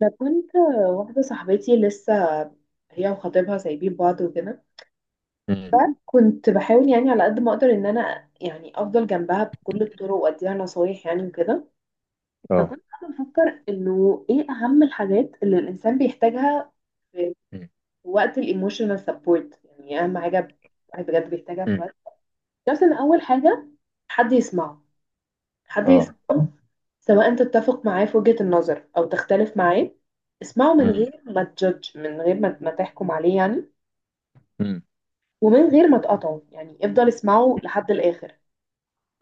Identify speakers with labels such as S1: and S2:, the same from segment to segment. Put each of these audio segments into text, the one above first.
S1: ده كنت واحدة صاحبتي لسه هي وخطيبها سايبين بعض وكده.
S2: امم.
S1: كنت بحاول يعني على قد ما اقدر ان انا يعني افضل جنبها بكل الطرق واديها نصايح يعني وكده.
S2: اه.
S1: فكنت قاعدة بفكر انه ايه اهم الحاجات اللي الانسان بيحتاجها في وقت الايموشنال سبورت، يعني اهم حاجة الواحد بجد بيحتاجها في
S2: امم.
S1: الوقت، بس ان اول حاجة حد يسمعه، حد
S2: اه.
S1: يسمعه، سواء تتفق معاه في وجهة النظر أو تختلف معاه. اسمعه من
S2: امم.
S1: غير ما تجدج، من غير ما تحكم عليه يعني، ومن غير ما تقطعه، يعني افضل اسمعه لحد الآخر.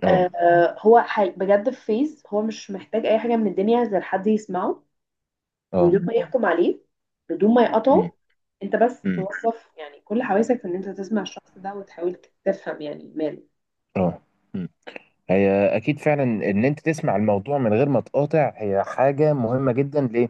S2: اه.
S1: آه، هو بجد في فيز هو مش محتاج أي حاجة من الدنيا غير حد يسمعه، من غير
S2: اه.
S1: ما يحكم عليه، بدون ما يقطعه. انت بس
S2: امم.
S1: توظف يعني كل حواسك في ان انت تسمع الشخص ده وتحاول تفهم يعني ماله.
S2: اه. هي اكيد فعلا، ان انت تسمع الموضوع من غير ما تقاطع، هي حاجه مهمه جدا ليه؟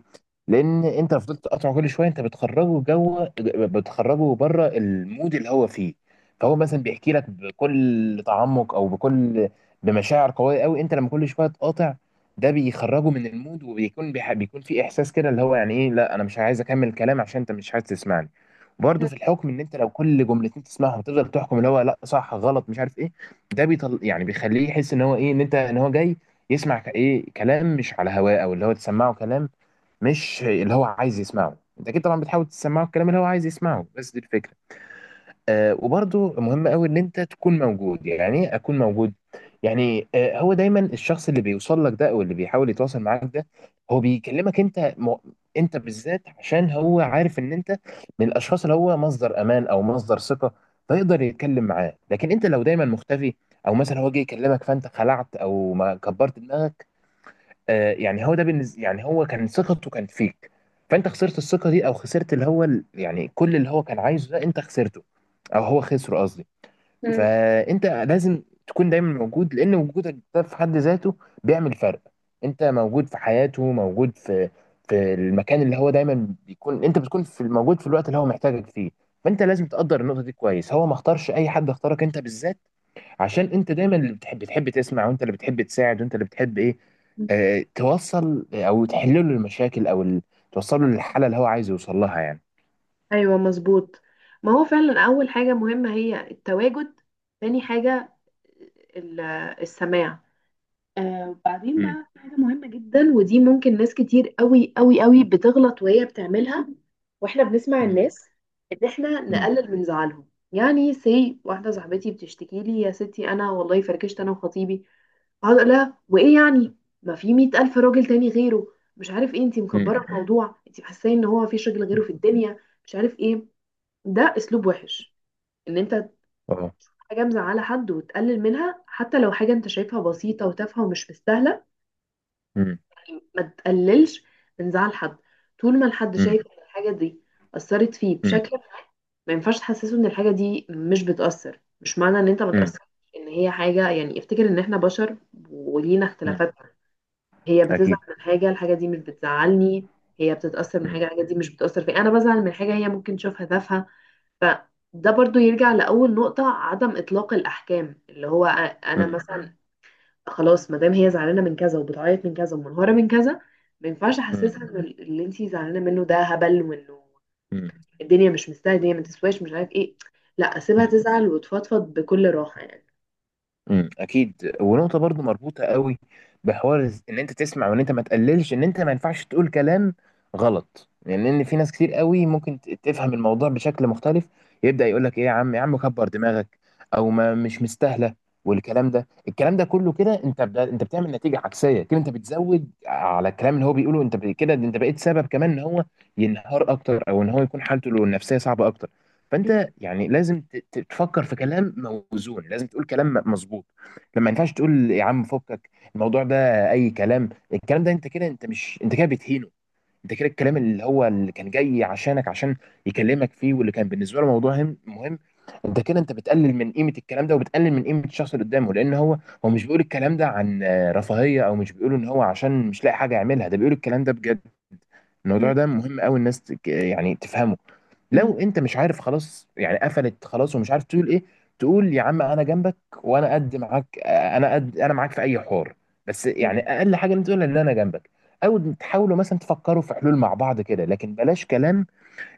S2: لان انت لو فضلت تقاطع كل شويه، انت بتخرجه جوه، بتخرجه بره المود اللي هو فيه. فهو مثلا بيحكي لك بكل تعمق، او بمشاعر قويه قوي. انت لما كل شويه تقاطع، ده بيخرجه من المود، وبيكون بيح... بيكون في احساس كده، اللي هو يعني ايه؟ لا، انا مش عايز اكمل الكلام عشان انت مش عايز تسمعني. برضه في الحكم، ان انت لو كل جملتين تسمعهم، تفضل تحكم اللي هو: لا، صح، غلط، مش عارف ايه. ده بيطل، يعني بيخليه يحس ان هو ايه، ان هو جاي يسمع ايه، كلام مش على هواه، او اللي هو تسمعه كلام مش اللي هو عايز يسمعه. انت اكيد طبعا بتحاول تسمعه الكلام اللي هو عايز يسمعه، بس دي الفكره. آه، وبرضو مهم قوي ان انت تكون موجود. يعني ايه اكون موجود؟ يعني آه، هو دايما الشخص اللي بيوصل لك ده، او اللي بيحاول يتواصل معاك ده، هو بيكلمك انت بالذات، عشان هو عارف ان انت من الاشخاص اللي هو مصدر امان او مصدر ثقة، فيقدر يتكلم معاه. لكن انت لو دايما مختفي، او مثلا هو جه يكلمك فانت خلعت او ما كبرت دماغك، آه، يعني هو ده بالنسبه، يعني هو كان ثقته كانت فيك، فانت خسرت الثقه دي، او خسرت اللي هو يعني كل اللي هو كان عايزه ده انت خسرته، او هو خسره قصدي. فانت لازم تكون دايما موجود، لان وجودك ده في حد ذاته بيعمل فرق. انت موجود في حياته، موجود في المكان اللي هو دايما بيكون، انت بتكون في، موجود في الوقت اللي هو محتاجك فيه. فانت لازم تقدر النقطة دي كويس، هو ما اختارش اي حد، اختارك انت بالذات، عشان انت دايما اللي بتحب تسمع، وانت اللي بتحب تساعد، وانت اللي بتحب ايه،
S1: مم.
S2: اه، توصل او تحل له المشاكل، او توصل له للحالة اللي هو عايز يوصل لها يعني.
S1: ايوه مظبوط، ما هو فعلا اول حاجه مهمه هي التواجد، تاني حاجه ال- السماع. آه وبعدين
S2: امم.
S1: بقى في حاجه مهمه جدا، ودي ممكن ناس كتير قوي قوي قوي بتغلط وهي بتعملها واحنا بنسمع الناس، ان احنا
S2: امم.
S1: نقلل من زعلهم. يعني سي واحده صاحبتي بتشتكي لي يا ستي انا والله فركشت انا وخطيبي، اقعد اقول لها وايه يعني، ما في 100 ألف راجل تاني غيره، مش عارف ايه، انتي
S2: امم.
S1: مكبره الموضوع، انتي حاسه ان هو مفيش راجل غيره في الدنيا، مش عارف ايه. ده اسلوب وحش، ان انت
S2: اه.
S1: حاجه مزعله حد وتقلل منها حتى لو حاجه انت شايفها بسيطه وتافهه ومش مستاهله. ما تقللش من زعل حد طول ما الحد شايف ان الحاجه دي اثرت فيه
S2: امم.
S1: بشكل ما. ما ينفعش تحسسه ان الحاجه دي مش بتاثر، مش معنى ان انت ما
S2: مم.
S1: تاثرش ان هي حاجه. يعني افتكر ان احنا بشر ولينا
S2: مم.
S1: اختلافات. هي بتزعل
S2: اكيد.
S1: من حاجه الحاجه دي مش
S2: مم.
S1: بتزعلني، هي بتتاثر من
S2: مم.
S1: حاجه الحاجه دي مش بتاثر فيا، انا بزعل من حاجه هي ممكن تشوفها تافهه. فده برضو يرجع لأول نقطة عدم إطلاق الأحكام، اللي هو أنا
S2: مم.
S1: مثلا خلاص ما دام هي زعلانة من كذا وبتعيط من كذا ومنهارة من كذا، ما ينفعش
S2: مم.
S1: أحسسها إن اللي أنتي زعلانة منه ده هبل، وإنه
S2: مم.
S1: الدنيا مش مستاهلة، الدنيا ما تسواش، مش عارف إيه. لا، أسيبها تزعل وتفضفض بكل راحة يعني.
S2: مم. اكيد، ونقطه برضو مربوطه قوي بحوار ان انت تسمع، وان انت ما تقللش، ان انت ما ينفعش تقول كلام غلط يعني، لان في ناس كتير قوي ممكن تفهم الموضوع بشكل مختلف. يبدا يقول لك ايه؟ يا عم، يا عم كبر دماغك، او ما مش مستاهله، والكلام ده، الكلام ده كله، كده انت بتعمل نتيجه عكسيه، كده انت بتزود على الكلام اللي هو بيقوله، كده انت بقيت سبب كمان ان هو ينهار اكتر، او ان هو يكون حالته النفسيه صعبه اكتر.
S1: مم.
S2: فانت يعني لازم تفكر في كلام موزون، لازم تقول كلام مظبوط. لما، ما ينفعش تقول يا عم فكك الموضوع ده، اي كلام. الكلام ده، انت كده، انت مش، انت كده بتهينه. انت كده الكلام اللي هو، اللي كان جاي عشانك عشان يكلمك فيه، واللي كان بالنسبه له موضوع مهم، انت كده انت بتقلل من قيمه الكلام ده، وبتقلل من قيمه الشخص اللي قدامه، لان هو مش بيقول الكلام ده عن آه، رفاهيه، او مش بيقول ان هو عشان مش لاقي حاجه يعملها، ده بيقول الكلام ده بجد. الموضوع
S1: مم.
S2: ده مهم قوي، الناس يعني تفهمه.
S1: مم.
S2: لو انت مش عارف، خلاص يعني قفلت خلاص ومش عارف تقول ايه، تقول يا عم انا جنبك، وانا قد معاك، انا قد، انا معاك في اي حوار. بس يعني اقل حاجه انت تقولها ان انا جنبك، او تحاولوا مثلا تفكروا في حلول مع بعض كده، لكن بلاش كلام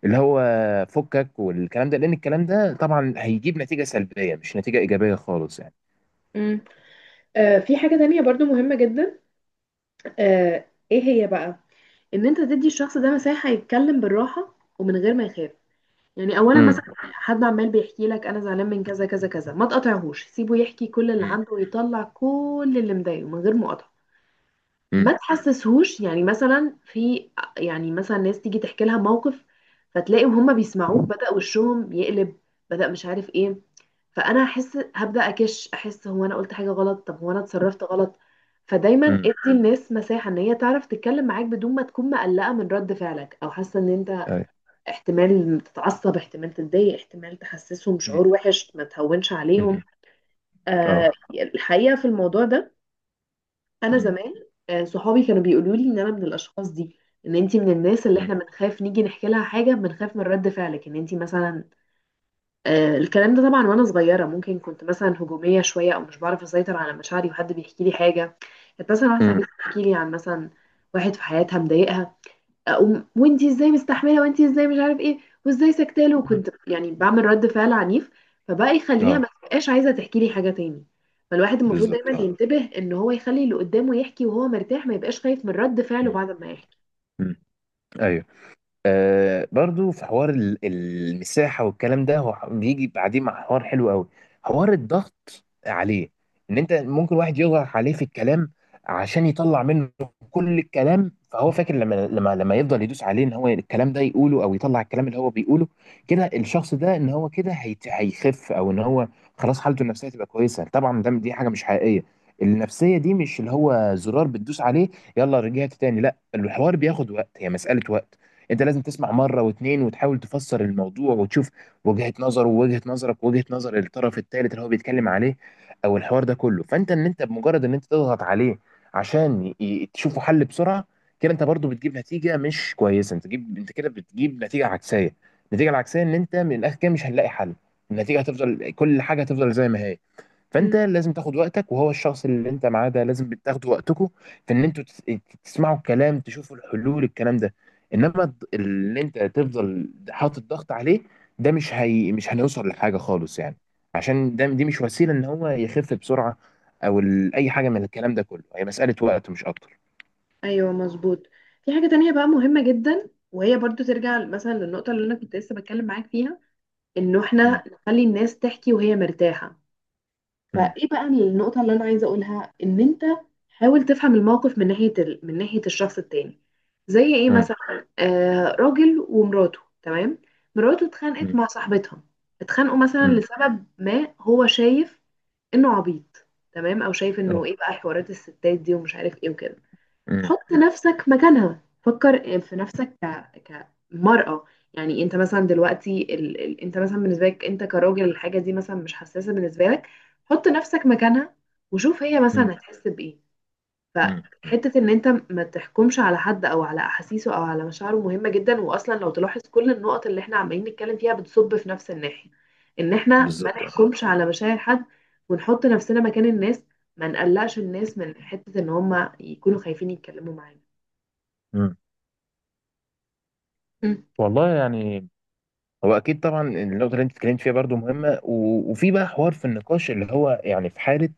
S2: اللي هو فكك والكلام ده، لان الكلام ده طبعا هيجيب نتيجه سلبيه، مش نتيجه ايجابيه خالص يعني.
S1: مم. آه، في حاجة تانية برضو مهمة جدا. آه، ايه هي بقى؟ إن أنت تدي الشخص ده مساحة يتكلم بالراحة ومن غير ما يخاف. يعني اولا
S2: امم.
S1: مثلا حد عمال بيحكي لك انا زعلان من كذا كذا كذا، ما تقاطعهوش، سيبه يحكي كل اللي
S2: امم.
S1: عنده ويطلع كل اللي مضايقه من غير مقاطعه.
S2: امم.
S1: ما تحسسهوش يعني مثلا في، يعني مثلا ناس تيجي تحكي لها موقف فتلاقيهم هم بيسمعوك بدأ وشهم يقلب، بدأ مش عارف ايه، فانا احس هبدأ اكش، احس هو انا قلت حاجه غلط، طب هو انا اتصرفت غلط. فدايما
S2: امم.
S1: ادي الناس مساحه ان هي تعرف تتكلم معاك بدون ما تكون مقلقه من رد فعلك، او حاسه ان انت
S2: أي.
S1: احتمال تتعصب، احتمال تتضايق، احتمال تحسسهم
S2: امم.
S1: شعور وحش. ما تهونش عليهم.
S2: امم. اه.
S1: آه، الحقيقة في الموضوع ده انا
S2: امم.
S1: زمان، آه، صحابي كانوا بيقولوا لي ان انا من الاشخاص دي، ان انتي من الناس اللي
S2: امم.
S1: احنا بنخاف نيجي نحكي لها حاجة، بنخاف من رد فعلك ان انتي مثلا. آه، الكلام ده طبعا وانا صغيرة ممكن كنت مثلا هجومية شوية، او مش بعرف اسيطر على مشاعري وحد بيحكي لي حاجة. كانت مثلا واحدة
S2: امم.
S1: صاحبتي بتحكي لي عن مثلا واحد في حياتها مضايقها، أقوم وانتي ازاي مستحمله، وانتي ازاي مش عارف ايه، وازاي سكتاله. وكنت يعني بعمل رد فعل عنيف، فبقى يخليها
S2: اه.
S1: ما تبقاش عايزه تحكي لي حاجه تاني. فالواحد المفروض دايما
S2: بالظبط اه.
S1: ينتبه ان هو يخلي اللي قدامه يحكي وهو مرتاح، ما يبقاش خايف من رد فعله
S2: امم.
S1: بعد ما يحكي.
S2: امم. ايوه. آه، برضو في حوار المساحة، والكلام ده هو بيجي بعدين مع حوار حلو قوي، حوار الضغط عليه. ان انت ممكن واحد يضغط عليه في الكلام عشان يطلع منه كل الكلام، فهو فاكر لما يفضل يدوس عليه، ان هو الكلام ده يقوله، او يطلع الكلام اللي هو بيقوله، كده الشخص ده ان هو كده هيخف، او ان هو خلاص حالته النفسية تبقى كويسة. طبعا دي حاجة مش حقيقية، النفسية دي مش اللي هو زرار بتدوس عليه، يلا رجعت تاني. لا، الحوار بياخد وقت، هي مسألة وقت. انت لازم تسمع مره واتنين، وتحاول تفسر الموضوع، وتشوف وجهه نظره ووجهه نظرك ووجهه نظر الطرف الثالث اللي هو بيتكلم عليه، او الحوار ده كله. فانت، ان انت بمجرد ان انت تضغط عليه عشان تشوفوا حل بسرعه، كده انت برضو بتجيب نتيجه مش كويسه، انت كده بتجيب نتيجه عكسيه. النتيجه العكسيه ان انت من الاخر كده مش هنلاقي حل، النتيجه هتفضل، كل حاجه هتفضل زي ما هي. فانت
S1: مم.
S2: لازم تاخد وقتك، وهو الشخص اللي انت معاه ده، لازم بتاخدوا وقتكم في ان انتوا تس- إيه، تسمعوا الكلام، تشوفوا الحلول، الكلام ده. انما اللي انت تفضل حاطط ضغط عليه، ده مش، هي مش هنوصل لحاجه خالص يعني، عشان دي مش وسيله ان هو يخف بسرعه، او اي حاجه من الكلام ده كله هي مساله وقت مش اكتر.
S1: ايوه مظبوط. في حاجه تانية بقى مهمه جدا، وهي برضو ترجع مثلا للنقطه اللي انا كنت لسه بتكلم معاك فيها، انه
S2: مم.
S1: احنا نخلي الناس تحكي وهي مرتاحه.
S2: مم.
S1: فايه بقى النقطة اللي انا عايزة اقولها؟ ان انت حاول تفهم الموقف من ناحية من ناحية الشخص التاني. زي ايه
S2: مم.
S1: مثلا؟ آه، راجل ومراته تمام، مراته اتخانقت
S2: مم.
S1: مع صاحبتها، اتخانقوا مثلا
S2: مم.
S1: لسبب ما، هو شايف انه عبيط تمام، او شايف انه
S2: اه.
S1: ايه بقى حوارات الستات دي ومش عارف ايه وكده.
S2: مم.
S1: حط
S2: مم.
S1: نفسك مكانها، فكر في نفسك كمرأة. يعني انت مثلا دلوقتي انت مثلا بالنسبة لك انت كراجل الحاجة دي مثلا مش حساسة بالنسبة لك، حط نفسك مكانها وشوف هي
S2: مم.
S1: مثلا هتحس بإيه.
S2: مم. مم.
S1: فحتة ان انت ما تحكمش على حد او على احاسيسه او على مشاعره مهمة جدا. واصلا لو تلاحظ كل النقط اللي احنا عمالين نتكلم فيها بتصب في نفس الناحية، ان احنا ما
S2: بالظبط اه.
S1: نحكمش على مشاعر حد ونحط نفسنا مكان الناس، ما نقلقش الناس من حتة ان هم يكونوا خايفين يتكلموا معانا.
S2: مم.
S1: مم.
S2: والله يعني، هو اكيد طبعا النقطه اللي انت اتكلمت فيها برضو مهمه، و... وفي بقى حوار في النقاش اللي هو يعني في حاله،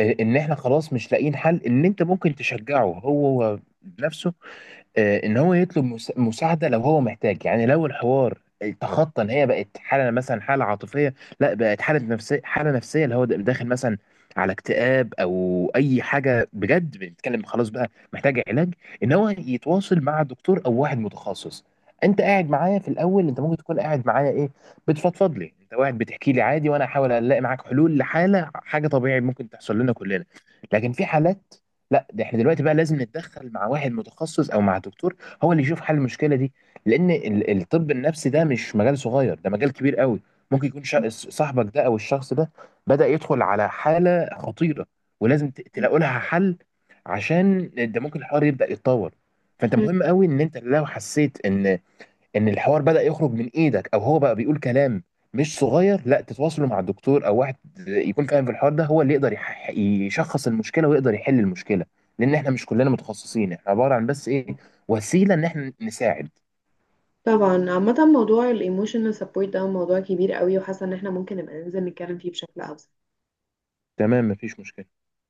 S2: آه، ان احنا خلاص مش لاقيين حل، ان انت ممكن تشجعه هو نفسه، آه، ان هو يطلب مساعده لو هو محتاج، يعني لو الحوار تخطى ان هي بقت حاله مثلا حاله عاطفيه، لا بقت حاله نفسيه، حاله نفسيه اللي هو داخل مثلا على اكتئاب او اي حاجه، بجد بنتكلم خلاص بقى محتاج علاج، ان هو يتواصل مع دكتور او واحد متخصص. انت قاعد معايا في الاول، انت ممكن تكون قاعد معايا ايه، بتفضفض لي، انت قاعد بتحكي لي عادي، وانا احاول الاقي معاك حلول لحاله، حاجه طبيعي ممكن تحصل لنا كلنا. لكن في حالات، لا ده احنا دلوقتي بقى لازم نتدخل مع واحد متخصص او مع دكتور، هو اللي يشوف حل المشكله دي، لان الطب النفسي ده مش مجال صغير، ده مجال كبير قوي. ممكن يكون صاحبك ده، او الشخص ده بدأ يدخل على حاله خطيره، ولازم تلاقوا لها حل، عشان ده ممكن الحوار يبدأ يتطور. فانت
S1: مم.
S2: مهم قوي ان انت لو حسيت ان الحوار بدأ يخرج من ايدك، او هو بقى بيقول كلام مش صغير، لا تتواصلوا مع الدكتور، او واحد يكون فاهم في الحوار ده، هو اللي يقدر يشخص المشكله، ويقدر يحل المشكله، لان احنا مش كلنا متخصصين، احنا عباره عن بس ايه، وسيله ان احنا نساعد.
S1: طبعا عامة موضوع الايموشنال سبورت ده موضوع كبير قوي، وحاسة ان احنا ممكن نبقى ننزل نتكلم فيه بشكل اوسع.
S2: تمام، مفيش مشكله.